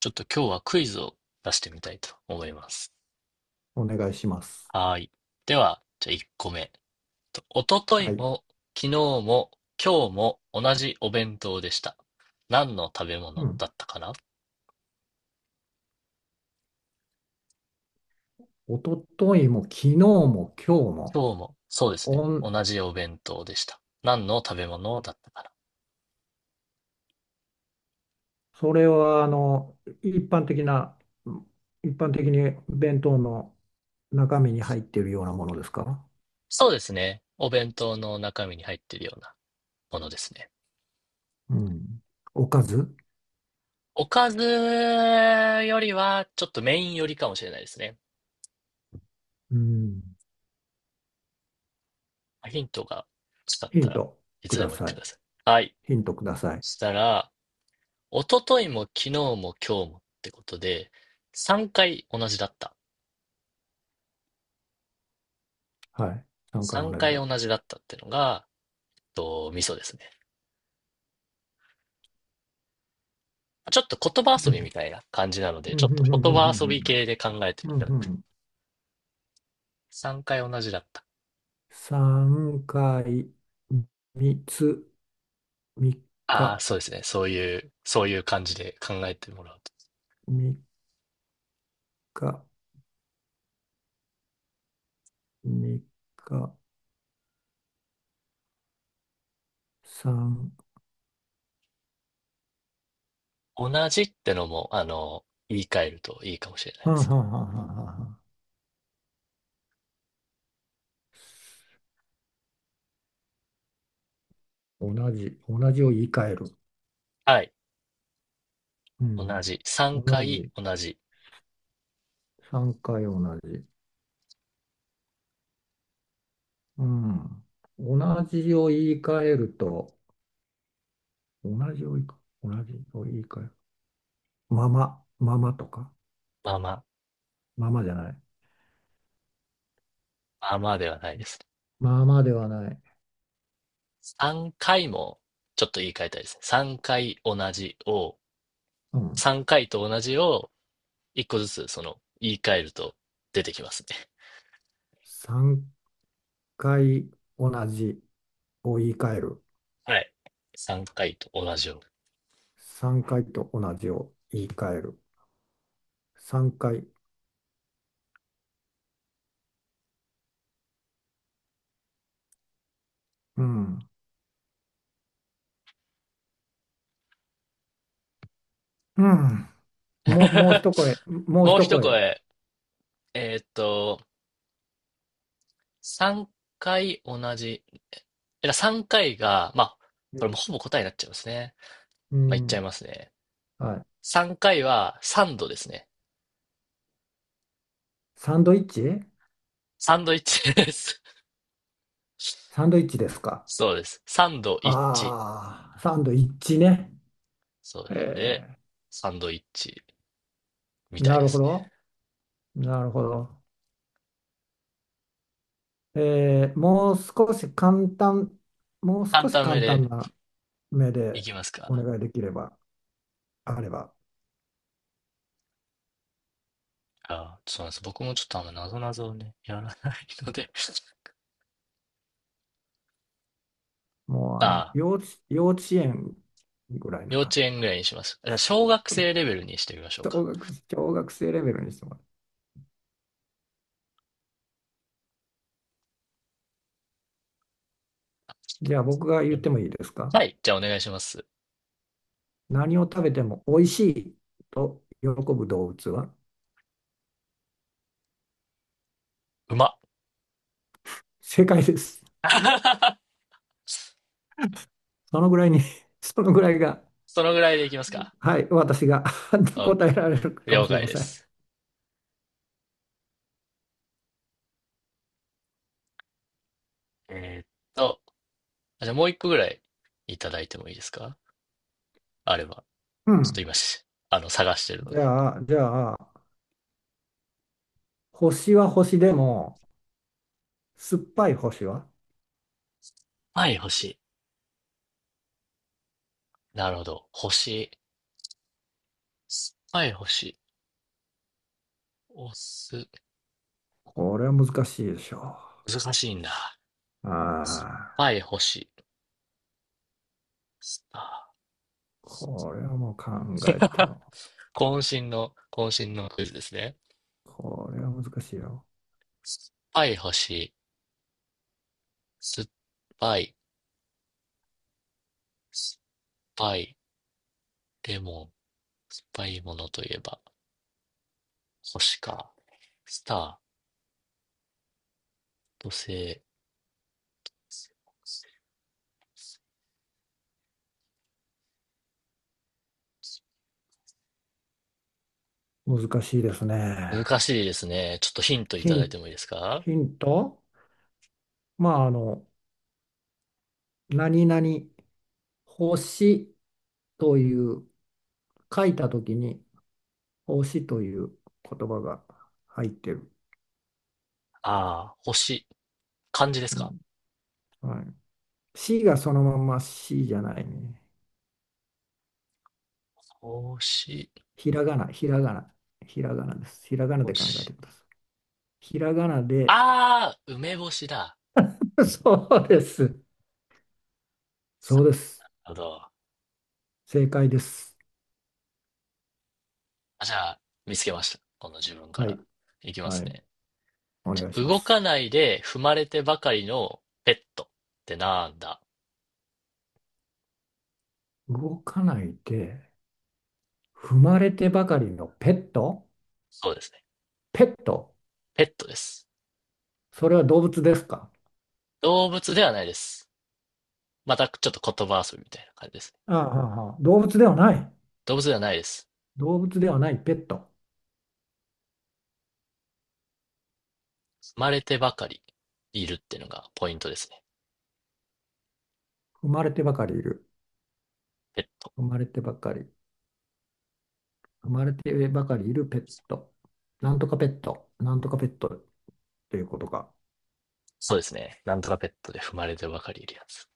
ちょっと今日はクイズを出してみたいと思います。お願いします。はーい。では、じゃあ1個目。とおとといはい。も、昨日も、今日も同じお弁当でした。何の食べう物ん。だったかな。おとといも昨日も今日も、今日も、そうですね。オン同じお弁当でした。何の食べ物だったかな。それは一般的な、一般的に弁当の中身に入っているようなものですか？そうですね。お弁当の中身に入っているようなものですね。うん。おかず。おかずよりは、ちょっとメインよりかもしれないですね。うん。ヒントが欲しかっヒたンらトいくつでだも言っさてくい。ださい。はい。ヒントください。したら、一昨日も昨日も今日もってことで、3回同じだった。はい。3回3同じ回だっ同た。じだったってのが、ミソですね。ちょっと言葉う遊びん。みたいな感じなので、うん。ちょっうとん。うん。言う葉ん。遊び系で考えていたうだくん。と。うん。3回同じだった。3回、3つ、3ああ、日、そうですね。そういう感じで考えてもらう3日。2か3。と。同じってのも、言い換えるといいかもしれないはでんすね。はんはんはんはんはん。同じを言い換える。はい。う同ん。じ。3同回じ。同じ。3回同じ。うん。同じを言い換えると、同じを言い換える。ままとか。まあまあ、ままじゃない。まあまあではないですね。ままではない。3回も、ちょっと言い換えたいですね。3回同じを、うん。3回と同じを、1個ずつ、言い換えると出てきますね。3回同じを言い換える。はい。3回と同じを。3回と同じを言い換える。3回。うん。うん。もう一声、もうもう一一声。声。えーっと、3回同じ。3回が、まあ、うこれもん。ほぼ答えになっちゃいますね。うまあ、言っちゃん。いますね。はい。3回は、サンドですね。サンドイッチ。サンドイッチです。サンドイッチです か？そうです。サンドイッチ。ああ、サンドイッチね。そへれで、え、サンドイッチ。みたいなでるほすね。ど。なるほど。えー、もう少し簡単、もう簡少し単め簡で単な目いできますおか。願いできれば、あれば、あ、そうなんです。僕もちょっとあんま謎々をね、やらないので。もうああ、幼稚園ぐらいな幼感稚じ園の。ぐらいにします。じゃあ小学生レベルにしてみましょうか。小学生レベルにしてもらう。じゃあ僕が言ってもいいですか？はい。じゃあお願いします。何を食べても美味しいと喜ぶ動物は？うまっ。正解です。そのぐらいに そのぐらいが、そのぐらいでいきますか。はい、私が OK。答えられるかも了しれ解までせん。す。えーっと、じゃあもう一個ぐらいいただいてもいいですか、あれば。うちょっん。と今し、あの、探してるのじで。ゃあ、じゃあ、星は星でも、酸っぱい星は？はい、星。なるほど。星。はい、星。おす。これは難しいでしょ難しいんだ。う。あパあ、イ星。あこれはもう考えてー。 も、渾身のクイズですね。これは難しいよ。パイ星、酸っぱい、酸っぱい、レモン、酸っぱいものといえば、星か。スター、土星。難しいですね。難しいですね。ちょっとヒントいヒただいン、てもいいですか。ヒント。まあ、何々星という書いた時に星という言葉が入ってる。ああー、星。漢字ですうか。ん、はい。しがそのまましじゃないね。星、ひらがな、ひらがな、ひらがなです。ひらがなで考え星。てください。ひらがなで、ああ、梅干しだ。そうです。そうです。なるほど。正解です。あ、じゃあ、見つけました。この自分かはい。ら。いきまはすい。ね。お願いしま動す。かないで踏まれてばかりのペットってなんだ。動かないで、踏まれてばかりのペット。そうですね。ペット。ペットです。それは動物ですか？動物ではないです。またちょっと言葉遊びみたいな感じですね。ああ、動物ではない。動物ではないです。動物ではないペット。踏まれてばかりいるっていうのがポイントですね。生まれてばかりいる。ペット。生まれてばかり。生まれてばかりいるペット。なんとかペット。なんとかペットっていうことか。そうですね。なんとかペットで踏まれてばかりいるやつ。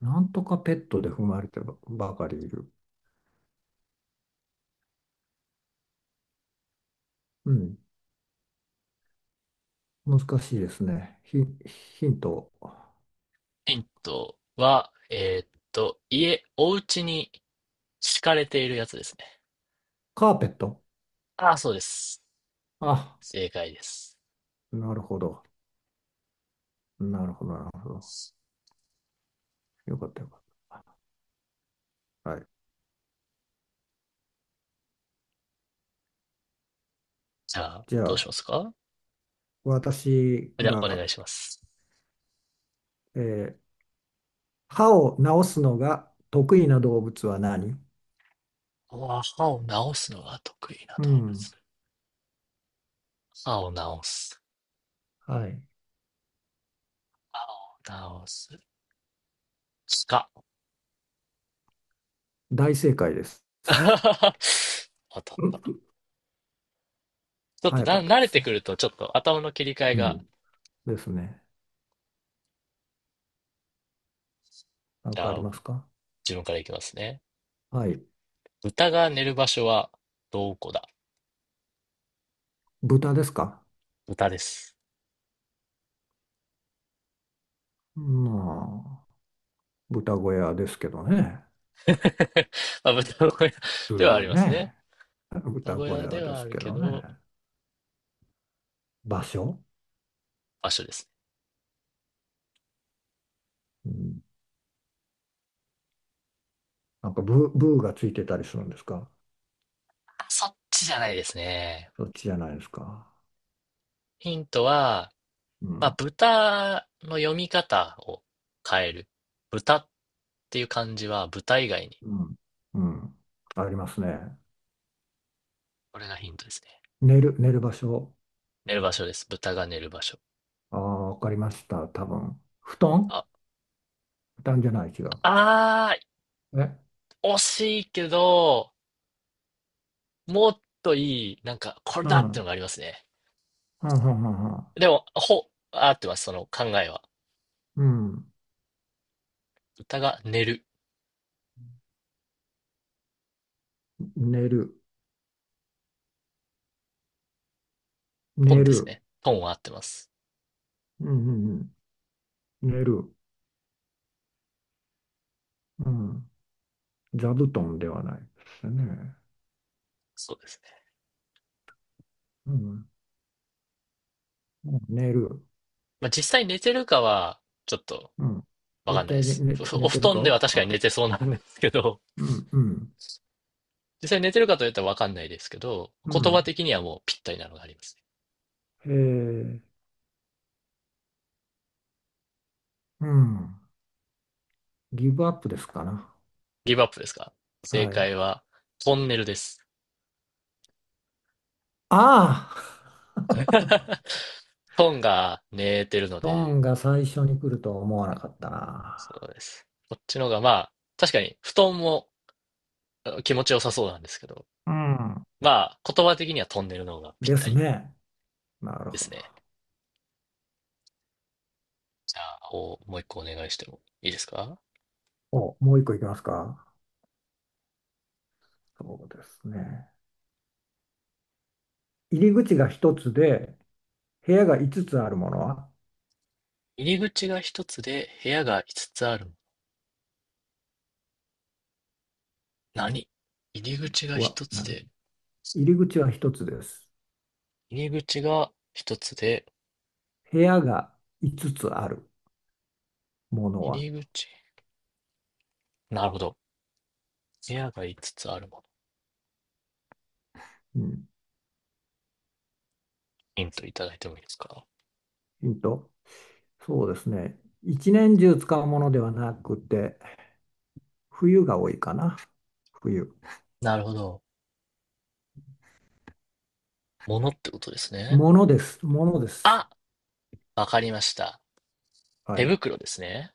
なんとかペットで生まれてばかりいる。うん。難しいですね。ヒント。ヒントは、お家に敷かれているやつですね。カーペット。ああ、そうです。あ、正解です。なるほど。なるほど、なるほど。よかった、よかった。はい。じゃあ、じゃどうしあ、ますか。私じゃあ、お願が、いします。えー歯を治すのが得意な動物は何？歯を治すのが得意なう動ん。物。歯を治す。はい。歯を治す。鹿。大正解です。当たっうた。ん。ちょっと早かだった慣でれすてね。くると、ちょっと頭の切り替えうが、ん。ですね。なんじかあゃりあ、ますか？自分からいきますね。はい。豚が寝る場所は、どこだ。豚ですか？豚です。まあ、豚小屋ですけどね。まあ、豚小屋ではあり普通ますね。ね。豚豚小小屋で屋ではあするけけどね。ど、場所。場所ですね。うん。なんかブー、ブーがついてたりするんですか？あ、そっちじゃないですね。そっちじゃないですか。ヒントは、うまあ、ん。豚の読み方を変える。豚っていう漢字は豚以外に。うん。うん。ありますね。これがヒントですね。寝る場所。寝る場所です。豚が寝る場所。ああ、わかりました。多分、布団。あ、布団じゃない、違う。あえー、惜しいけど、もっといい、これうん。だはってのんがありますね。はんはんはん。でも、合ってます、その考えは。うん。豚が寝る。寝る。寝本でする。ね。本は合ってます。うん、うん、うん。寝る。うん。座布団ではないですね。そうですね。うん。寝る。まあ、実際寝てるかは、ちょっと、うん。わか絶んないで対にす。お寝布てるか団ではわ確かからに寝ん。てそうなんですけど、うん、うん、実際寝てるかと言ったらわかんないですけど、う言葉ん。的にはもうぴったりなのがありますね。えー、うん。ギブアップですかな。ギブアップですか。正はい。解は、トンネルです。ああ、トンが寝てるのドで、ンが最初に来るとは思わなかったそうな。です。こっちの方がまあ、確かに布団も気持ちよさそうなんですけど、うん。まあ、言葉的にはトンネルの方がぴっでたすりね。なるでほすど。ね。じゃあ、もう一個お願いしてもいいですか。お、もう一個いきますか？そうですね。入り口が一つで、部屋が五つあるものは？入り口が一つで部屋が五つある。何。入り口がわ、一つ何で、入り口は一つです。入り口が一つで、部屋が五つあるもの入は。り口、なるほど。部屋が5つつあるもの。うん、ヒントいただいてもいいですか。ヒント、そうですね。一年中使うものではなくて、冬が多いかな。冬。なるほど。ものってことですね。ものです。ものです。あ、わかりました。は手い。袋ですね。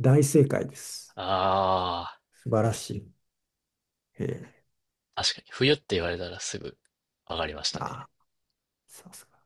大正解です。あ素晴らしい。えあ、確かに冬って言われたらすぐわかりましー、たね。あさすが。